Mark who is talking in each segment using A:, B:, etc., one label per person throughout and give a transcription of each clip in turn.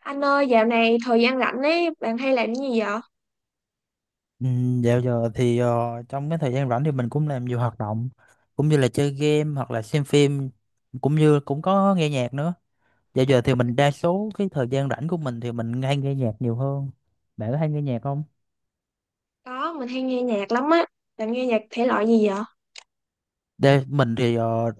A: Anh ơi, dạo này thời gian rảnh ấy, bạn hay làm cái gì vậy?
B: Ừ, dạo giờ thì trong cái thời gian rảnh thì mình cũng làm nhiều hoạt động, cũng như là chơi game hoặc là xem phim, cũng như cũng có nghe nhạc nữa. Dạo giờ thì mình đa số cái thời gian rảnh của mình thì mình hay nghe nhạc nhiều hơn. Bạn có hay nghe nhạc không?
A: Có, mình hay nghe nhạc lắm á. Bạn nghe nhạc thể loại gì vậy?
B: Đây mình thì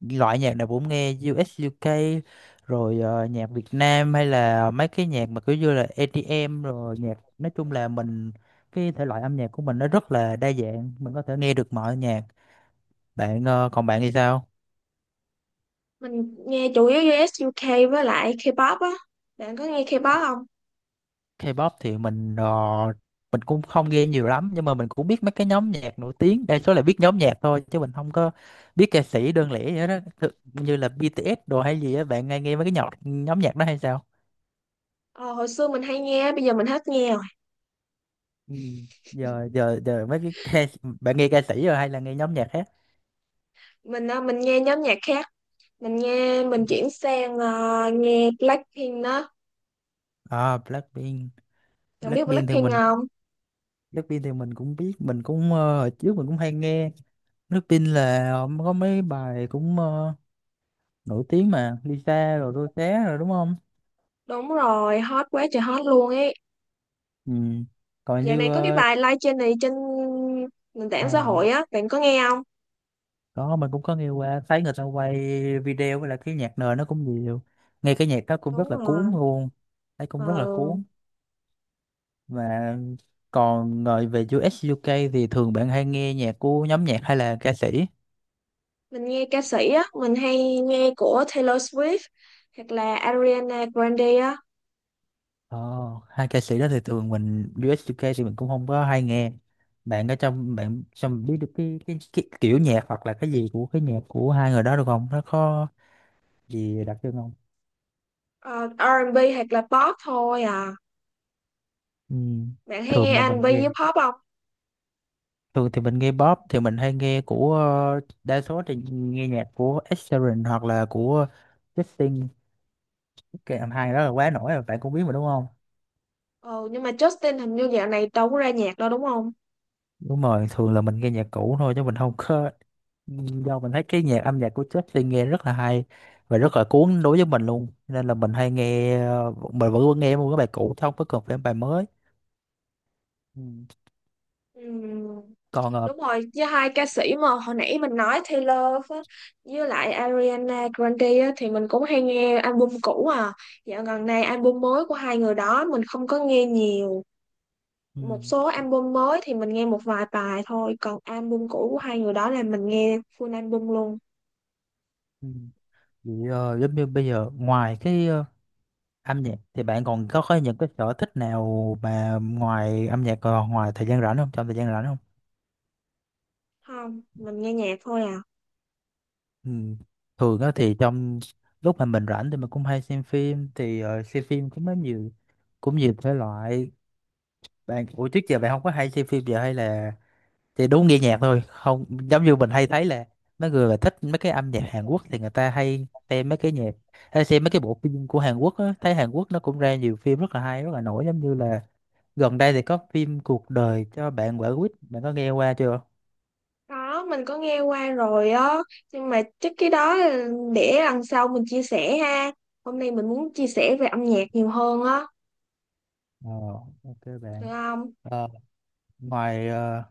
B: loại nhạc nào cũng nghe, U.S. UK, rồi nhạc Việt Nam, hay là mấy cái nhạc mà kiểu như là EDM, rồi nhạc nói chung là mình, cái thể loại âm nhạc của mình nó rất là đa dạng, mình có thể nghe được mọi nhạc. Bạn còn bạn thì sao?
A: Mình nghe chủ yếu US UK với lại K-pop á. Bạn có nghe K-pop không?
B: K-pop thì mình mình cũng không nghe nhiều lắm, nhưng mà mình cũng biết mấy cái nhóm nhạc nổi tiếng, đa số là biết nhóm nhạc thôi chứ mình không có biết ca sĩ đơn lẻ vậy đó. Như là BTS đồ hay gì á, bạn nghe nghe mấy cái nhạc nhóm nhạc đó hay sao?
A: Ờ, Hồi xưa mình hay nghe, bây giờ mình hết nghe rồi.
B: Ừ. giờ giờ giờ mấy cái bạn nghe ca sĩ rồi hay là nghe nhóm nhạc khác?
A: Mình nghe nhóm nhạc khác. Mình chuyển sang nghe Blackpink đó.
B: À, Blackpink.
A: Bạn biết
B: Blackpink thì
A: Blackpink
B: mình
A: không?
B: Blackpink thì mình cũng biết, mình cũng hồi trước mình cũng hay nghe. Blackpink là có mấy bài cũng nổi tiếng mà, Lisa rồi Rosé rồi, đúng không?
A: Đúng rồi, hot quá trời hot luôn ấy.
B: Ừ. Còn
A: Dạo
B: như
A: này có cái bài live trên này trên nền
B: ờ,
A: tảng xã hội á, bạn có nghe không?
B: đó mình cũng có nghe qua, thấy người ta quay video với lại cái nhạc nền nó cũng nhiều, nghe cái nhạc đó cũng
A: Đúng
B: rất là cuốn
A: rồi.
B: luôn, thấy cũng rất là
A: Ờ.
B: cuốn. Và còn ngồi về UK thì thường bạn hay nghe nhạc của nhóm nhạc hay là ca sĩ?
A: Mình nghe ca sĩ á, mình hay nghe của Taylor Swift hoặc là Ariana Grande á.
B: ờ, Hai ca sĩ đó thì thường mình UK thì mình cũng không có hay nghe. Bạn có trong bạn trong biết được cái kiểu nhạc hoặc là cái gì của cái nhạc của hai người đó được không, nó có gì đặc trưng không?
A: Ờ, R&B hoặc là pop thôi à?
B: Ừ.
A: Bạn hay
B: Thường
A: nghe
B: mà
A: R&B
B: mình nghe,
A: với pop không?
B: thường thì mình nghe pop thì mình hay nghe của, đa số thì nghe nhạc của Ed Sheeran hoặc là của Justin. Cái anh hai đó là quá nổi rồi, bạn cũng biết mà đúng không?
A: Ừ, nhưng mà Justin hình như dạo này đâu có ra nhạc đâu đúng không?
B: Đúng rồi, thường là mình nghe nhạc cũ thôi chứ mình không có, do mình thấy cái nhạc âm nhạc của Justin nghe rất là hay và rất là cuốn đối với mình luôn, nên là mình hay nghe. Ờ, mình vẫn nghe một cái bài cũ chứ không có cần phải bài mới. Ừ.
A: Ừm,
B: Còn
A: đúng rồi, với hai ca sĩ mà hồi nãy mình nói Taylor á, với lại Ariana Grande á, thì mình cũng hay nghe album cũ à. Dạo gần này album mới của hai người đó mình không có nghe nhiều.
B: ừ,
A: Một số album mới thì mình nghe một vài bài thôi, còn album cũ của hai người đó là mình nghe full album luôn.
B: ừ. Vậy giống như bây giờ, ngoài cái âm nhạc thì bạn còn có những cái sở thích nào mà ngoài âm nhạc, còn ngoài thời gian rảnh không, trong thời gian rảnh không?
A: Không, mình nghe nhạc thôi à.
B: Ừ. Thường á thì trong lúc mà mình rảnh thì mình cũng hay xem phim, thì xem phim cũng có nhiều, cũng nhiều thể loại. Bạn, ủa trước giờ bạn không có hay xem phim giờ hay là, thì đúng nghe nhạc thôi không, giống như mình hay thấy là mấy người mà thích mấy cái âm nhạc Hàn Quốc thì người ta hay xem mấy cái nhạc, hay xem mấy cái bộ phim của Hàn Quốc á, thấy Hàn Quốc nó cũng ra nhiều phim rất là hay rất là nổi, giống như là gần đây thì có phim Cuộc đời cho bạn quả quýt, bạn có nghe qua chưa?
A: Có, mình có nghe qua rồi á, nhưng mà chắc cái đó là để lần sau mình chia sẻ ha. Hôm nay mình muốn chia sẻ về âm nhạc nhiều hơn á,
B: Ờ, ok
A: được
B: bạn.
A: không?
B: Ờ, ngoài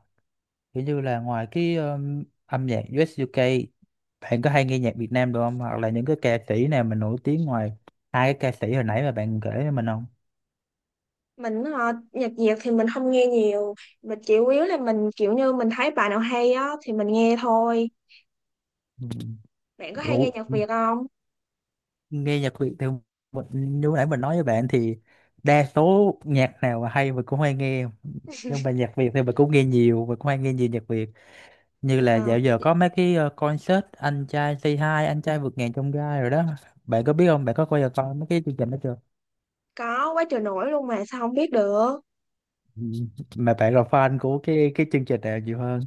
B: kiểu như là ngoài cái âm nhạc US UK, bạn có hay nghe nhạc Việt Nam được không, hoặc là những cái ca sĩ nào mà nổi tiếng ngoài hai cái ca sĩ hồi nãy mà bạn kể cho mình không?
A: Nhạc Việt thì mình không nghe nhiều, mình chỉ chủ yếu là mình kiểu như mình thấy bài nào hay á thì mình nghe thôi.
B: Ừ.
A: Bạn có hay nghe
B: Ủa,
A: nhạc Việt không?
B: nghe nhạc Việt thì như nãy mình nói với bạn thì đa số nhạc nào mà hay mình cũng hay nghe, nhưng mà nhạc Việt thì mình cũng nghe nhiều, mình cũng hay nghe nhiều nhạc Việt. Như
A: Nghe
B: là
A: hả?
B: dạo giờ có mấy cái concert anh trai Say Hi, anh trai vượt ngàn chông gai rồi đó. Bạn có biết không, bạn có coi giờ coi mấy cái chương trình đó chưa?
A: Có quá trời nổi luôn mà sao không biết được.
B: Ừ. Mà bạn là fan của cái chương trình nào nhiều hơn?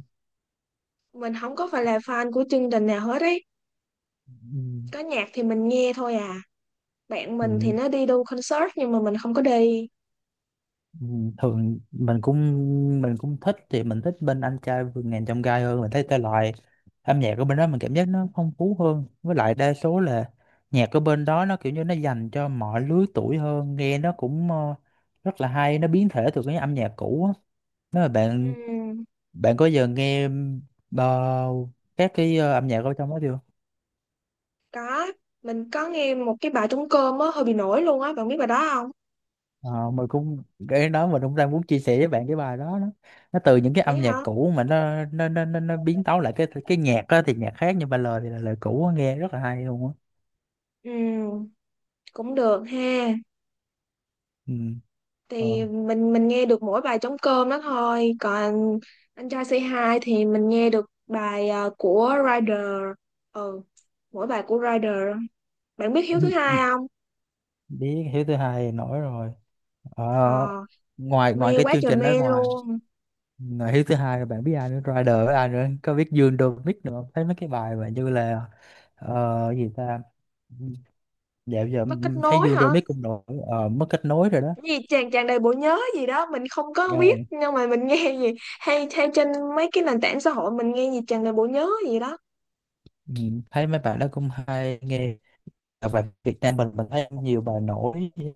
A: Mình không có phải là fan của chương trình nào hết ấy.
B: Ừ.
A: Có nhạc thì mình nghe thôi à. Bạn
B: Ừ,
A: mình thì nó đi đu concert nhưng mà mình không có đi.
B: ừ, thường mình cũng, mình cũng thích, thì mình thích bên anh trai vượt ngàn chông gai hơn, mình thấy thể loại âm nhạc của bên đó mình cảm giác nó phong phú hơn, với lại đa số là nhạc ở bên đó nó kiểu như nó dành cho mọi lứa tuổi hơn, nghe nó cũng rất là hay, nó biến thể từ cái âm nhạc cũ á, nếu mà bạn.
A: Ừm,
B: Bạn có giờ nghe ờ, các cái âm nhạc ở trong đó chưa?
A: có, mình có nghe một cái bài trống cơm á, hơi bị nổi luôn á, bạn biết bài đó không?
B: Ờ, mình cũng, cái đó mình cũng đang muốn chia sẻ với bạn cái bài đó đó. Nó từ những cái
A: Vậy
B: âm nhạc
A: hả?
B: cũ mà nó biến tấu lại cái nhạc đó thì nhạc khác, nhưng mà lời thì là lời cũ á, nghe rất là hay luôn á.
A: Ừm, cũng được ha.
B: Ừ. Ờ.
A: Thì mình nghe được mỗi bài trống cơm đó thôi, còn anh trai Say Hi thì mình nghe được bài của Rider. Ừ, mỗi bài của Rider. Bạn biết Hiếu thứ hai không?
B: Biết Hiếu thứ hai nổi rồi. Ờ,
A: Ờ,
B: ngoài ngoài
A: mê
B: cái
A: quá
B: chương
A: trời
B: trình đó,
A: mê
B: ngoài
A: luôn.
B: ngoài Hiếu thứ hai rồi bạn biết ai nữa, Rider với ai nữa, có biết Dương Domic nữa không? Thấy mấy cái bài mà như là gì ta, dạo giờ
A: Nó kết
B: em thấy
A: nối
B: Dương
A: hả?
B: Domic cũng nổi. Ờ, mất kết nối rồi đó.
A: Cái gì chàng chàng đầy bộ nhớ gì đó mình không có
B: Ờ,
A: biết, nhưng mà mình nghe gì hay hay trên mấy cái nền tảng xã hội, mình nghe gì chàng đầy bộ nhớ gì đó.
B: ừ, thấy mấy bạn đó cũng hay nghe. Và bài Việt Nam mình thấy nhiều bài nổi, như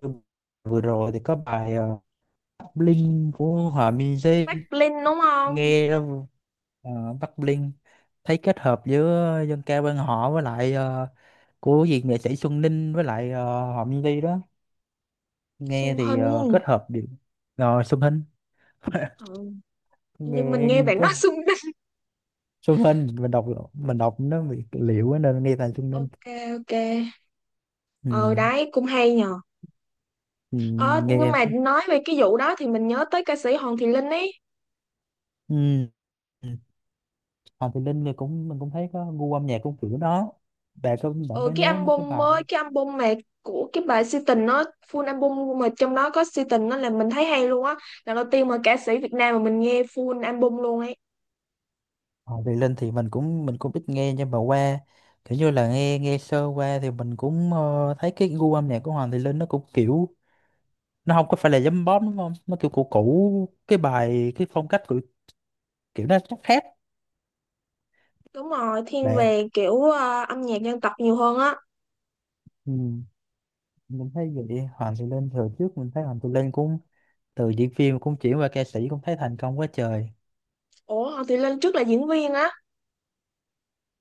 B: vừa rồi thì có bài Bắc Linh của Hòa Minzy.
A: Bắc Linh đúng không?
B: Nghe Bắc Linh, thấy kết hợp giữa dân ca quan họ với lại của gì nghệ sĩ Xuân Ninh với lại Hòa Minzy đó, nghe
A: Xuân
B: thì
A: Hinh.
B: kết hợp được. Rồi Xuân Hinh.
A: Ừ. Nhưng mình
B: Nghe
A: nghe bạn
B: kết
A: nói Xuân Hinh.
B: Xuân Hinh, mình đọc, mình đọc nó bị liệu ấy, nên nghe thầy Xuân Hinh.
A: Ok, ok. Ờ,
B: Ừ,
A: đấy cũng hay nhờ.
B: ừ,
A: Ờ,
B: mình nghe
A: nhưng
B: em
A: mà
B: thấy.
A: nói về cái vụ đó thì mình nhớ tới ca sĩ Hoàng Thị Linh ấy.
B: Ừ. Ừ. Hoàng Thùy Linh thì cũng mình cũng thấy có gu âm nhạc cũng kiểu đó. Bạn có, bạn có
A: Ừ, cái
B: nhớ mấy cái
A: album
B: bài
A: mới, cái album mà của cái bài Si tình nó full album mà trong đó có Si tình, nó là mình thấy hay luôn á. Lần đầu tiên mà ca sĩ Việt Nam mà mình nghe full album luôn ấy.
B: Hoàng Thùy Linh thì mình cũng, mình cũng ít nghe, nhưng mà qua kiểu như là nghe nghe sơ qua thì mình cũng thấy cái gu âm nhạc của Hoàng Thùy Linh nó cũng kiểu, nó không có phải là giấm bóp đúng không, nó kiểu cũ cũ, cái bài cái phong cách của kiểu nó chắc khác,
A: Đúng rồi, thiên
B: để.
A: về kiểu âm nhạc dân tộc nhiều hơn á.
B: Ừ. Mình thấy vậy Hoàng Thùy Linh thời trước, mình thấy Hoàng Thùy Linh cũng từ diễn viên cũng chuyển qua ca sĩ cũng thấy thành công quá trời.
A: Ủa, Hoàng Thùy Linh trước là diễn viên á?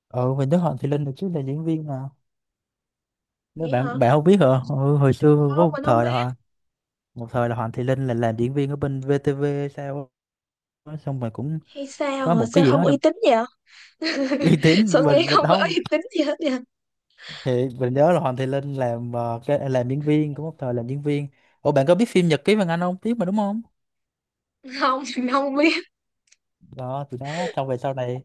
B: Ừ mình Đức Hoàng Thùy Linh được chứ là diễn viên mà, nếu
A: Vậy hả?
B: bạn bạn không biết hả. Ừ, hồi xưa có
A: Không,
B: một
A: mình không
B: thời là
A: biết.
B: Một thời là Hoàng Thùy Linh là làm diễn viên ở bên VTV, sao á, xong rồi cũng
A: Hay
B: có
A: sao hả?
B: một cái
A: Sao
B: gì
A: không
B: đó trong
A: uy tín vậy hả?
B: uy tín
A: Sao nghĩ
B: mình
A: không có
B: không,
A: uy tín gì hết vậy?
B: thì mình nhớ là Hoàng Thùy Linh làm cái làm diễn viên cũng một thời làm diễn viên. Ủa bạn có biết phim Nhật ký Vàng Anh không, biết mà đúng không?
A: Không, mình không biết.
B: Đó thì đó xong về sau này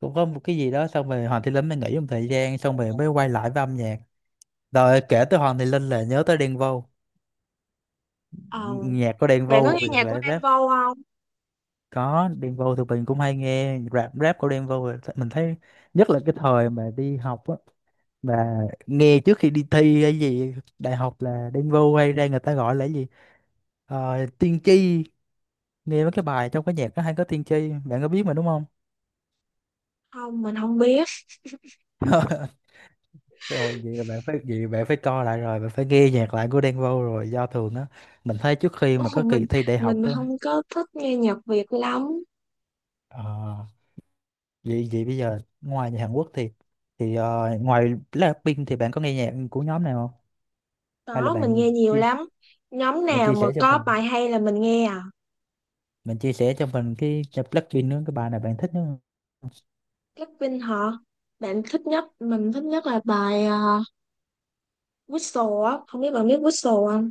B: cũng có một cái gì đó xong rồi Hoàng Thùy Linh mới nghỉ một thời gian xong rồi mới quay lại với âm nhạc. Rồi kể tới Hoàng Thùy Linh là nhớ tới Đen Vâu.
A: Ờ,
B: Nhạc của Đen
A: bạn có nghe
B: Vâu thì
A: nhạc của
B: lại
A: Đen
B: rap.
A: Vâu không?
B: Có Đen Vâu thì mình cũng hay nghe rap, rap của Đen Vâu mình thấy, nhất là cái thời mà đi học á mà nghe trước khi đi thi hay gì đại học là Đen Vâu hay ra, người ta gọi là cái gì, ờ, tiên tri, nghe mấy cái bài trong cái nhạc nó hay có tiên tri, bạn có biết mà đúng không?
A: Không, mình không biết.
B: Rồi vậy là bạn phải, vậy bạn phải coi lại, rồi bạn phải nghe nhạc lại của Đen Vâu. Rồi do thường á mình thấy trước khi
A: Ồ,
B: mà có kỳ thi đại học
A: mình
B: á.
A: không có thích nghe nhạc Việt lắm.
B: ờ, Vậy vậy bây giờ ngoài nhạc Hàn Quốc thì ngoài Blackpink thì bạn có nghe nhạc của nhóm này không, hay là
A: Có, mình
B: bạn
A: nghe nhiều
B: chi-
A: lắm. Nhóm
B: bạn
A: nào
B: chia
A: mà
B: sẻ cho
A: có
B: mình,
A: bài hay là mình nghe à?
B: bạn chia sẻ cho mình cái Blackpink nữa, cái bài nào bạn thích nữa?
A: Blackpink hả? Bạn thích nhất, mình thích nhất là bài Whistle á. Không biết bạn biết Whistle không?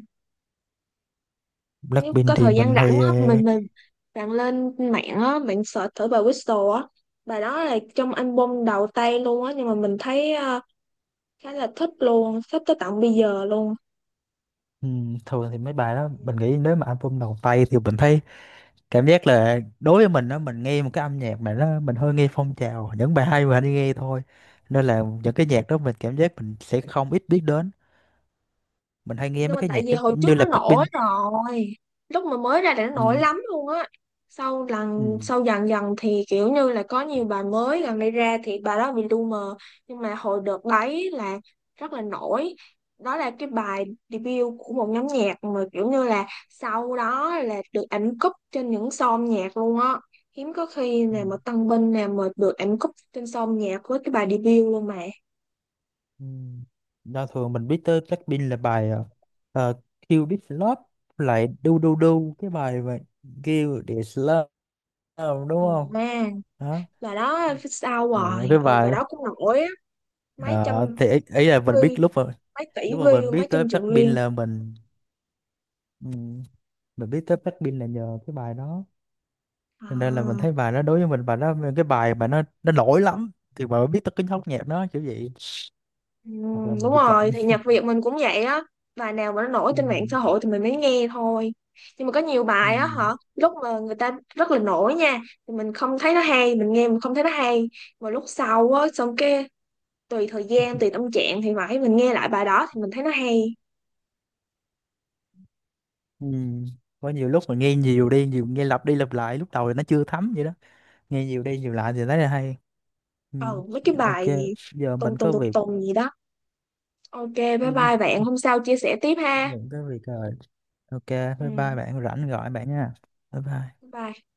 A: Nếu có
B: Blackpink thì
A: thời gian
B: mình
A: rảnh
B: hay
A: á, mình, bạn lên mạng á, bạn search thử bài Whistle á. Bài đó là trong album đầu tay luôn á, nhưng mà mình thấy khá là thích luôn, thích tới tận bây giờ luôn.
B: thường thì mấy bài đó mình nghĩ nếu mà album đầu tay thì mình thấy, cảm giác là đối với mình đó, mình nghe một cái âm nhạc mà nó mình hơi nghe phong trào, những bài hay mình hay nghe thôi, nên là những cái nhạc đó mình cảm giác mình sẽ không ít biết đến, mình hay nghe
A: Nhưng
B: mấy
A: mà
B: cái
A: tại
B: nhạc
A: vì
B: giống
A: hồi trước
B: như
A: nó
B: là
A: nổi
B: Blackpink.
A: rồi, lúc mà mới ra là nó nổi
B: Ừ,
A: lắm luôn á. Sau lần
B: ừ.
A: sau dần dần thì kiểu như là có nhiều bài mới gần đây ra thì bài đó bị lu mờ. Nhưng mà hồi đợt đấy là rất là nổi. Đó là cái bài debut của một nhóm nhạc mà kiểu như là sau đó là được ảnh cúp trên những song nhạc luôn á. Hiếm có khi
B: Ừ.
A: nào mà Tân Binh nào mà được ảnh cúp trên song nhạc với cái bài debut luôn mà.
B: Ừ. Đo thường mình biết tới Blackpink là bài Kill This Love, lại Do Do Do, cái bài mà Kill This Love đúng không?
A: À,
B: Đó.
A: bài đó phía sau
B: Ờ,
A: rồi.
B: cái
A: Ừ, bài
B: bài
A: đó cũng nổi á. Mấy
B: ờ,
A: trăm
B: thì ấy, ấy
A: tỷ
B: là mình
A: view,
B: biết lúc mà,
A: mấy tỷ
B: lúc mà mình
A: view, mấy
B: biết tới
A: trăm triệu
B: Blackpink
A: view.
B: là ừm, mình biết tới Blackpink là nhờ cái bài đó. Cho nên là mình
A: À,
B: thấy bài đó đối với mình bài đó, cái bài mà nó nổi lắm thì mà mới biết tới cái nhóm nhạc đó kiểu vậy, hoặc là
A: đúng
B: mình bị chậm.
A: rồi, thì nhạc Việt mình cũng vậy á. Bài nào mà nó nổi
B: Ừ.
A: trên mạng xã hội thì mình mới nghe thôi. Nhưng mà có nhiều
B: Ừ.
A: bài á hả, lúc mà người ta rất là nổi nha, thì mình không thấy nó hay, mình nghe mình không thấy nó hay. Mà lúc sau á xong cái, tùy thời gian tùy tâm trạng thì phải, mình nghe lại bài đó thì mình thấy nó hay.
B: Ừ. Có nhiều lúc mà nghe nhiều đi nhiều, nghe lặp đi lặp lại lúc đầu thì nó chưa thấm vậy đó, nghe nhiều đi nhiều lại thì thấy là hay. Ừ.
A: Ừ, mấy cái
B: Ok
A: bài gì
B: giờ
A: tùng
B: mình
A: tùng
B: có
A: tùng
B: việc.
A: tùng gì đó. Ok, bye
B: Ừ.
A: bye bạn, hôm sau chia sẻ tiếp ha.
B: Mình có việc rồi, ok bye bye
A: Ừ,
B: bạn, rảnh gọi bạn nha. Bye bye.
A: bye bye.